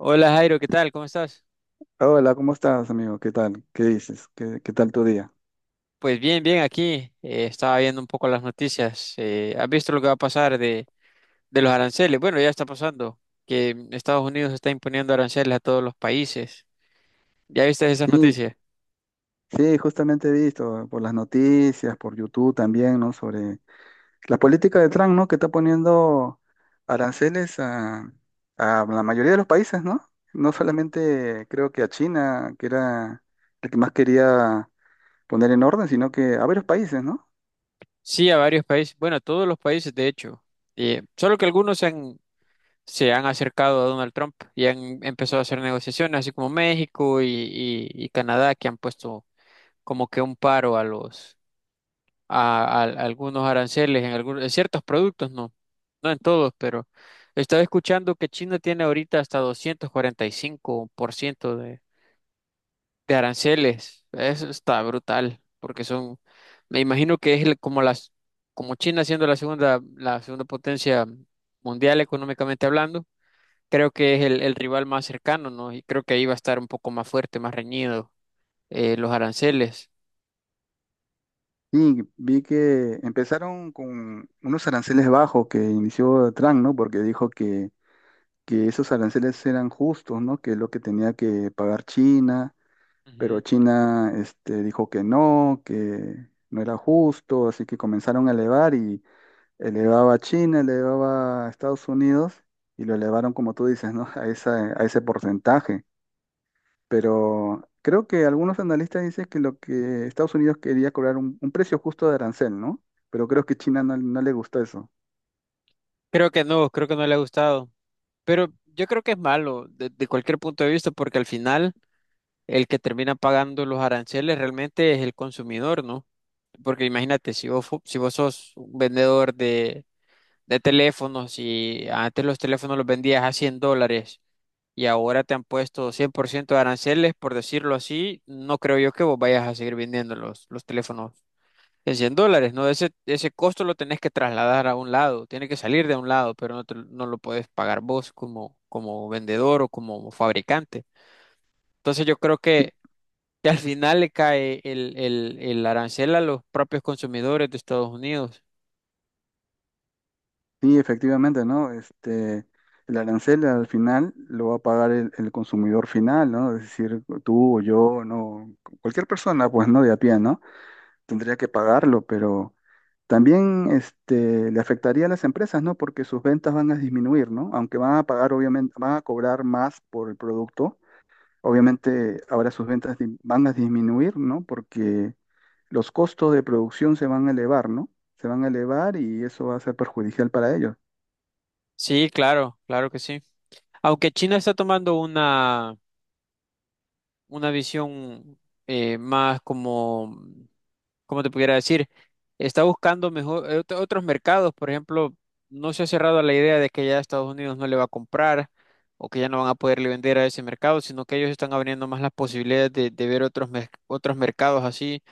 Hola Jairo, ¿qué tal? ¿Cómo estás? Hola, ¿cómo estás, amigo? ¿Qué tal? ¿Qué dices? ¿Qué tal tu día? Pues bien, bien, aquí estaba viendo un poco las noticias. ¿Has visto lo que va a pasar de los aranceles? Bueno, ya está pasando, que Estados Unidos está imponiendo aranceles a todos los países. ¿Ya viste esas Sí, noticias? sí, justamente he visto por las noticias, por YouTube también, ¿no? Sobre la política de Trump, ¿no? Que está poniendo aranceles a la mayoría de los países, ¿no? No solamente creo que a China, que era el que más quería poner en orden, sino que a varios países, ¿no? Sí, a varios países, bueno, a todos los países de hecho, solo que algunos se han acercado a Donald Trump y han empezado a hacer negociaciones, así como México y Canadá, que han puesto como que un paro a algunos aranceles en algunos, en ciertos productos, no, no en todos, pero estaba escuchando que China tiene ahorita hasta 245% de aranceles. Eso está brutal, porque son, me imagino que es como como China siendo la segunda potencia mundial económicamente hablando. Creo que es el rival más cercano, ¿no? Y creo que ahí va a estar un poco más fuerte, más reñido, los aranceles. Y vi que empezaron con unos aranceles bajos que inició Trump, ¿no? Porque dijo que esos aranceles eran justos, ¿no? Que es lo que tenía que pagar China, pero Ujú. China, este, dijo que no era justo, así que comenzaron a elevar y elevaba a China, elevaba a Estados Unidos y lo elevaron, como tú dices, ¿no? A esa, a ese porcentaje. Pero creo que algunos analistas dicen que lo que Estados Unidos quería cobrar un precio justo de arancel, ¿no? Pero creo que China no, no le gustó eso. Creo que no le ha gustado. Pero yo creo que es malo de cualquier punto de vista, porque al final el que termina pagando los aranceles realmente es el consumidor, ¿no? Porque imagínate, si si vos sos un vendedor de teléfonos, y antes los teléfonos los vendías a $100, y ahora te han puesto 100% de aranceles, por decirlo así, no creo yo que vos vayas a seguir vendiendo los teléfonos en $100, ¿no? Ese costo lo tenés que trasladar a un lado, tiene que salir de un lado, pero no, te lo no lo puedes pagar vos como, como vendedor o como fabricante. Entonces yo creo que al final le cae el arancel a los propios consumidores de Estados Unidos. Sí, efectivamente, ¿no? Este, el arancel al final lo va a pagar el consumidor final, ¿no? Es decir, tú o yo, no, cualquier persona, pues, ¿no? De a pie, ¿no? Tendría que pagarlo, pero también, este, le afectaría a las empresas, ¿no? Porque sus ventas van a disminuir, ¿no? Aunque van a pagar, obviamente, van a cobrar más por el producto, obviamente ahora sus ventas di- van a disminuir, ¿no? Porque los costos de producción se van a elevar, ¿no? Se van a elevar y eso va a ser perjudicial para ellos. Sí, claro, claro que sí. Aunque China está tomando una visión más como como te pudiera decir, está buscando mejor otros mercados. Por ejemplo, no se ha cerrado a la idea de que ya Estados Unidos no le va a comprar, o que ya no van a poderle vender a ese mercado, sino que ellos están abriendo más las posibilidades de ver otros mercados así,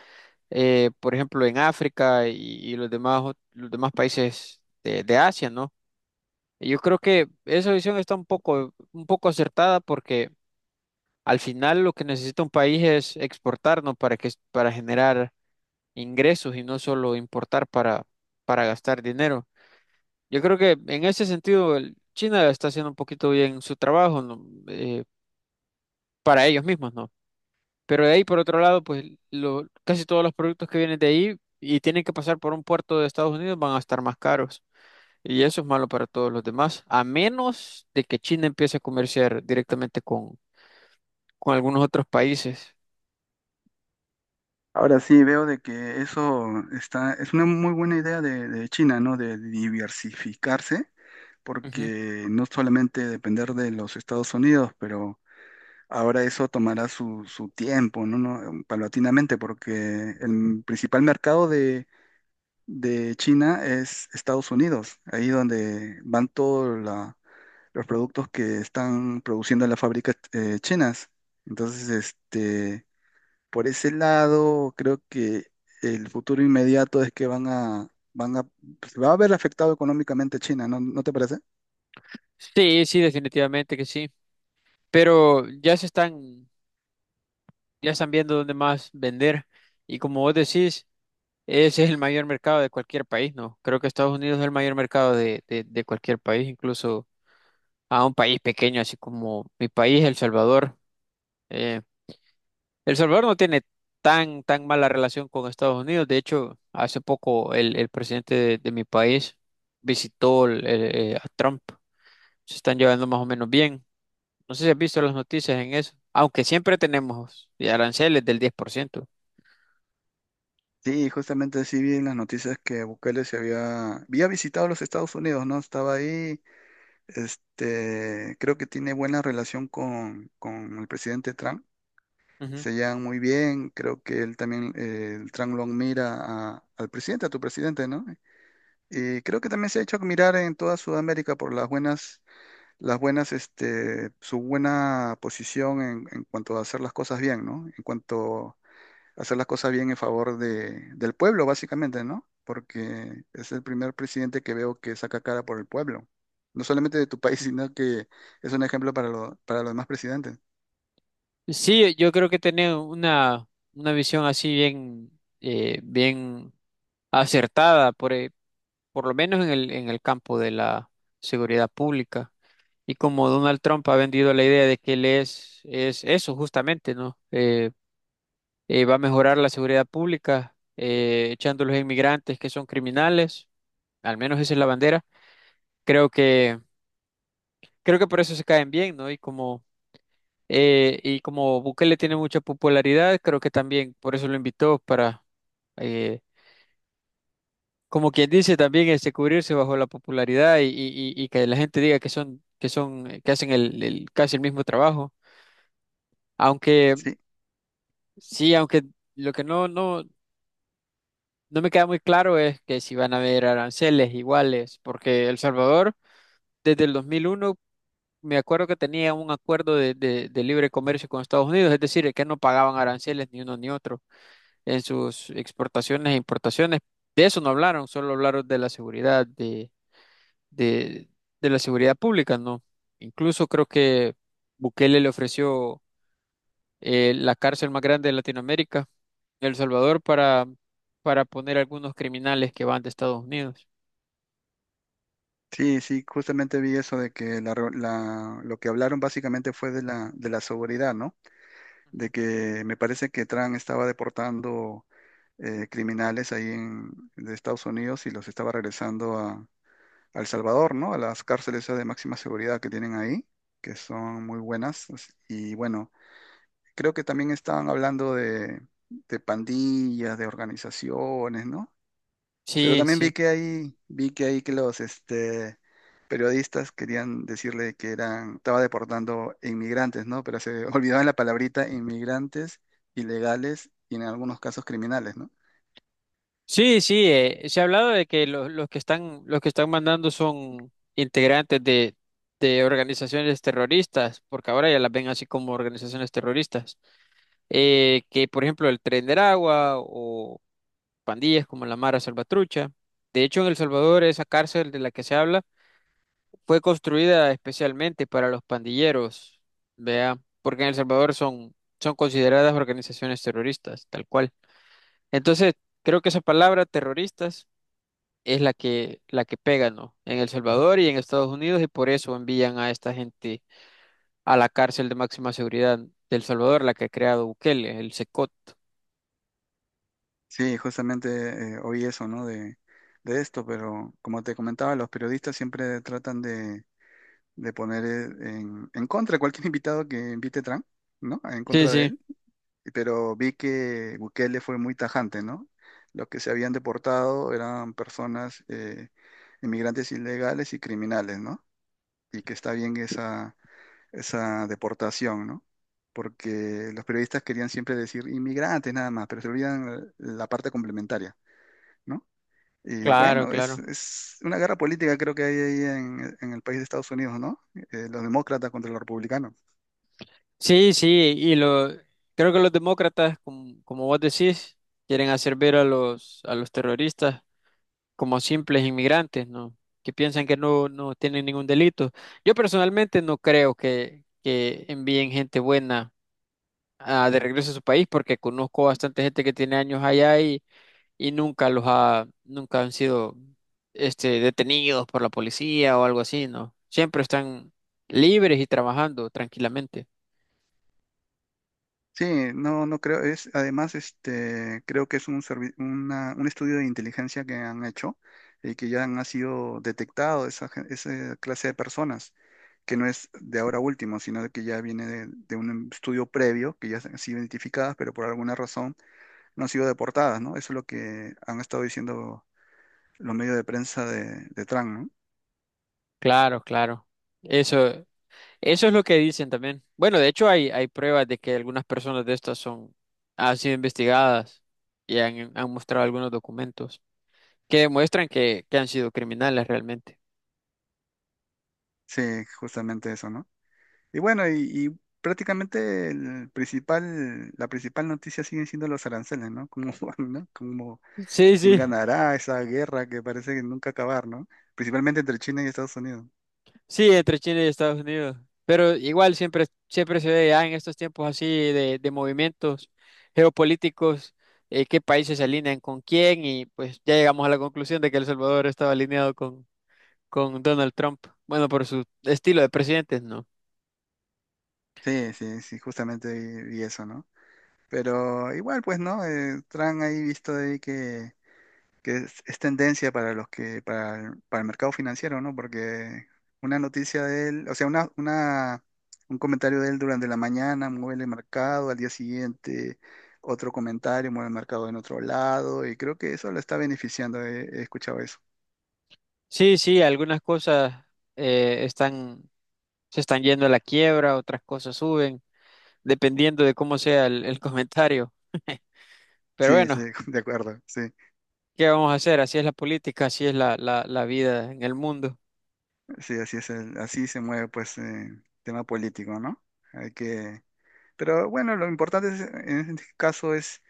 por ejemplo en África y los demás países de Asia, ¿no? Yo creo que esa visión está un poco acertada, porque al final lo que necesita un país es exportarnos para que, para generar ingresos, y no solo importar para gastar dinero. Yo creo que en ese sentido China está haciendo un poquito bien su trabajo, ¿no? Para ellos mismos, ¿no? Pero de ahí, por otro lado, pues casi todos los productos que vienen de ahí y tienen que pasar por un puerto de Estados Unidos van a estar más caros. Y eso es malo para todos los demás, a menos de que China empiece a comerciar directamente con algunos otros países. Ahora sí, veo de que eso está, es una muy buena idea de China, ¿no? De diversificarse, Ujú. porque no solamente depender de los Estados Unidos, pero ahora eso tomará su, su tiempo, ¿no? Paulatinamente, porque el principal mercado de China es Estados Unidos, ahí donde van todos la- los productos que están produciendo las fábricas chinas. Entonces, este... Por ese lado, creo que el futuro inmediato es que van a, se va a ver afectado económicamente China, ¿no, no te parece? Sí, sí, definitivamente que sí. Pero ya están viendo dónde más vender. Y como vos decís, ese es el mayor mercado de cualquier país, ¿no? Creo que Estados Unidos es el mayor mercado de cualquier país, incluso a un país pequeño, así como mi país, El Salvador. Eh, El Salvador no tiene tan, tan mala relación con Estados Unidos. De hecho, hace poco el presidente de mi país visitó a Trump. Se están llevando más o menos bien. No sé si has visto las noticias en eso, aunque siempre tenemos aranceles del 10%. Sí, justamente sí vi en las noticias que Bukele se había, había visitado los Estados Unidos, ¿no? Estaba ahí, este, creo que tiene buena relación con el presidente Trump, se llevan muy bien, creo que él también, el Trump lo mira a- al presidente, a tu presidente, ¿no? Y creo que también se ha hecho admirar en toda Sudamérica por las buenas, este, su buena posición en cuanto a hacer las cosas bien, ¿no? En cuanto a hacer las cosas bien en favor de, del pueblo, básicamente, ¿no? Porque es el primer presidente que veo que saca cara por el pueblo. No solamente de tu país, sino que es un ejemplo para, lo- para los demás presidentes. Sí, yo creo que tener una visión así bien, bien acertada, por lo menos en el campo de la seguridad pública. Y como Donald Trump ha vendido la idea de que él es eso justamente, ¿no? Va a mejorar la seguridad pública, echando a los inmigrantes que son criminales, al menos esa es la bandera. Creo creo que por eso se caen bien, ¿no? Y como Bukele tiene mucha popularidad, creo que también por eso lo invitó para, eh, como quien dice, también este, cubrirse bajo la popularidad y que la gente diga que son, que son, que hacen casi el mismo trabajo. Aunque Sí, sí, aunque lo que no me queda muy claro es que si van a haber aranceles iguales, porque El Salvador desde el 2001 me acuerdo que tenía un acuerdo de de libre comercio con Estados Unidos, es decir, que no pagaban aranceles ni uno ni otro en sus exportaciones e importaciones. De eso no hablaron, solo hablaron de la seguridad, de, de la seguridad pública, ¿no? Incluso creo que Bukele le ofreció la cárcel más grande de Latinoamérica, El Salvador, para poner algunos criminales que van de Estados Unidos. sí, sí, justamente vi eso de que la, reu- la- lo que hablaron básicamente fue de la seguridad, ¿no? Ujú. De que me parece que Trump estaba deportando criminales ahí en, de Estados Unidos y los estaba regresando a El Salvador, ¿no? A las cárceles de máxima seguridad que tienen ahí, que son muy buenas. As- Y bueno, creo que también estaban hablando de pandillas, de organizaciones, ¿no? Pero Sí, también sí. Vi que ahí que los este, periodistas querían decirle que eran, estaba deportando inmigrantes, ¿no? Pero se olvidaban la palabrita inmigrantes, ilegales y en algunos casos criminales, ¿no? Sí, sí, se ha hablado de que los que están mandando son integrantes de organizaciones terroristas, porque ahora ya las ven así como organizaciones terroristas. Que por ejemplo el Tren del Agua, o pandillas como la Mara Salvatrucha. De hecho, en El Salvador esa cárcel de la que se habla fue construida especialmente para los pandilleros, vea, porque en El Salvador son consideradas organizaciones terroristas, tal cual. Entonces, creo que esa palabra terroristas es la que pega, ¿no? En El Salvador y en Estados Unidos, y por eso envían a esta gente a la cárcel de máxima seguridad del Salvador, la que ha creado Bukele, el SECOT. Sí, justamente oí eso, ¿no? De esto, pero como te comentaba, los periodistas siempre tratan de poner en contra cualquier invitado que invite Trump, ¿no? En Sí, contra de sí. él. Pero vi que Bukele fue muy tajante, ¿no? Los que se habían deportado eran personas, inmigrantes ilegales y criminales, ¿no? Y que está bien esa, esa deportación, ¿no? Porque los periodistas querían siempre decir inmigrantes nada más, pero se olvidan la parte complementaria. ¿No? Y Claro, bueno, claro. es una guerra política creo que hay ahí en el país de Estados Unidos, ¿no? Los demócratas contra los republicanos. Sí, sí, y lo creo que los demócratas, como, como vos decís, quieren hacer ver a los terroristas como simples inmigrantes, ¿no? Que piensan que no tienen ningún delito. Yo personalmente no creo que envíen gente buena ah, de regreso a su país, porque conozco bastante gente que tiene años allá, y nunca los ha nunca han sido este detenidos por la policía o algo así, ¿no? Siempre están libres y trabajando tranquilamente. Sí, no, no creo, es, además, este, creo que es un, servi- una- un estudio de inteligencia que han hecho y que ya han, ha sido detectado esa, gen- esa clase de personas, que no es de ahora último, sino de que ya viene de un estudio previo, que ya han sido identificadas, pero por alguna razón no han sido deportadas, ¿no? Eso es lo que han estado diciendo los medios de prensa de Trump, ¿no? Claro, claro. Eso, eso es lo que dicen también. Bueno, de hecho hay pruebas de que algunas personas de estas son, han sido investigadas han mostrado algunos documentos que demuestran que han sido criminales realmente. Sí, justamente eso, ¿no? Y bueno, y prácticamente el principal, la principal noticia siguen siendo los aranceles, ¿no? Como, van, ¿no? Como Sí, quién sí, ganará esa guerra que parece que nunca acabar, ¿no? Principalmente entre China y Estados Unidos. sí, entre China y Estados Unidos. Pero igual siempre, siempre se ve ya en estos tiempos así de movimientos geopolíticos, qué países se alinean con quién, y pues ya llegamos a la conclusión de que El Salvador estaba alineado con Donald Trump. Bueno, por su estilo de presidente, ¿no? Sí, sí, sí, justamente y eso, ¿no? Pero igual, pues, ¿no? Trump ahí visto ahí que es tendencia para los que, para el mercado financiero, ¿no? Porque una noticia de él, o sea, una, un comentario de él durante la mañana mueve el mercado, al día siguiente otro comentario mueve el mercado en otro lado, y creo que eso lo está beneficiando, he, he escuchado eso. Sí, sí, algunas cosas eh, están, se están yendo a la quiebra, otras cosas suben, dependiendo de cómo sea el comentario. Pero Sí, sí, bueno, de acuerdo, sí, ¿qué vamos a hacer? Así es la política, así es la vida en el mundo. sí, así es, el- así se mueve pues el tema político, ¿no? Hay que, pero bueno, lo importante es- en este caso es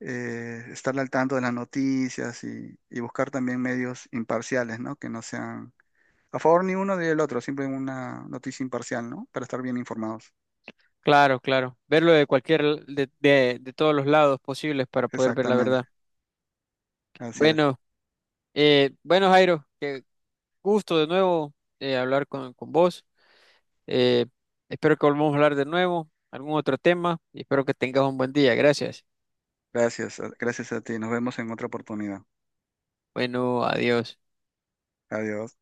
estar al tanto de las noticias y buscar también medios imparciales, ¿no? Que no sean a favor ni uno ni el otro, siempre una noticia imparcial, ¿no? Para estar bien informados. Claro, claro. Verlo de de todos los lados posibles para poder ver la Exactamente, verdad. así es. Bueno, bueno, Jairo, qué gusto de nuevo hablar con vos. Eh, Espero que volvamos a hablar de nuevo, algún otro tema, y espero que tengas un buen día. Gracias. Gracias, gracias a ti. Nos vemos en otra oportunidad. Bueno, adiós. Adiós.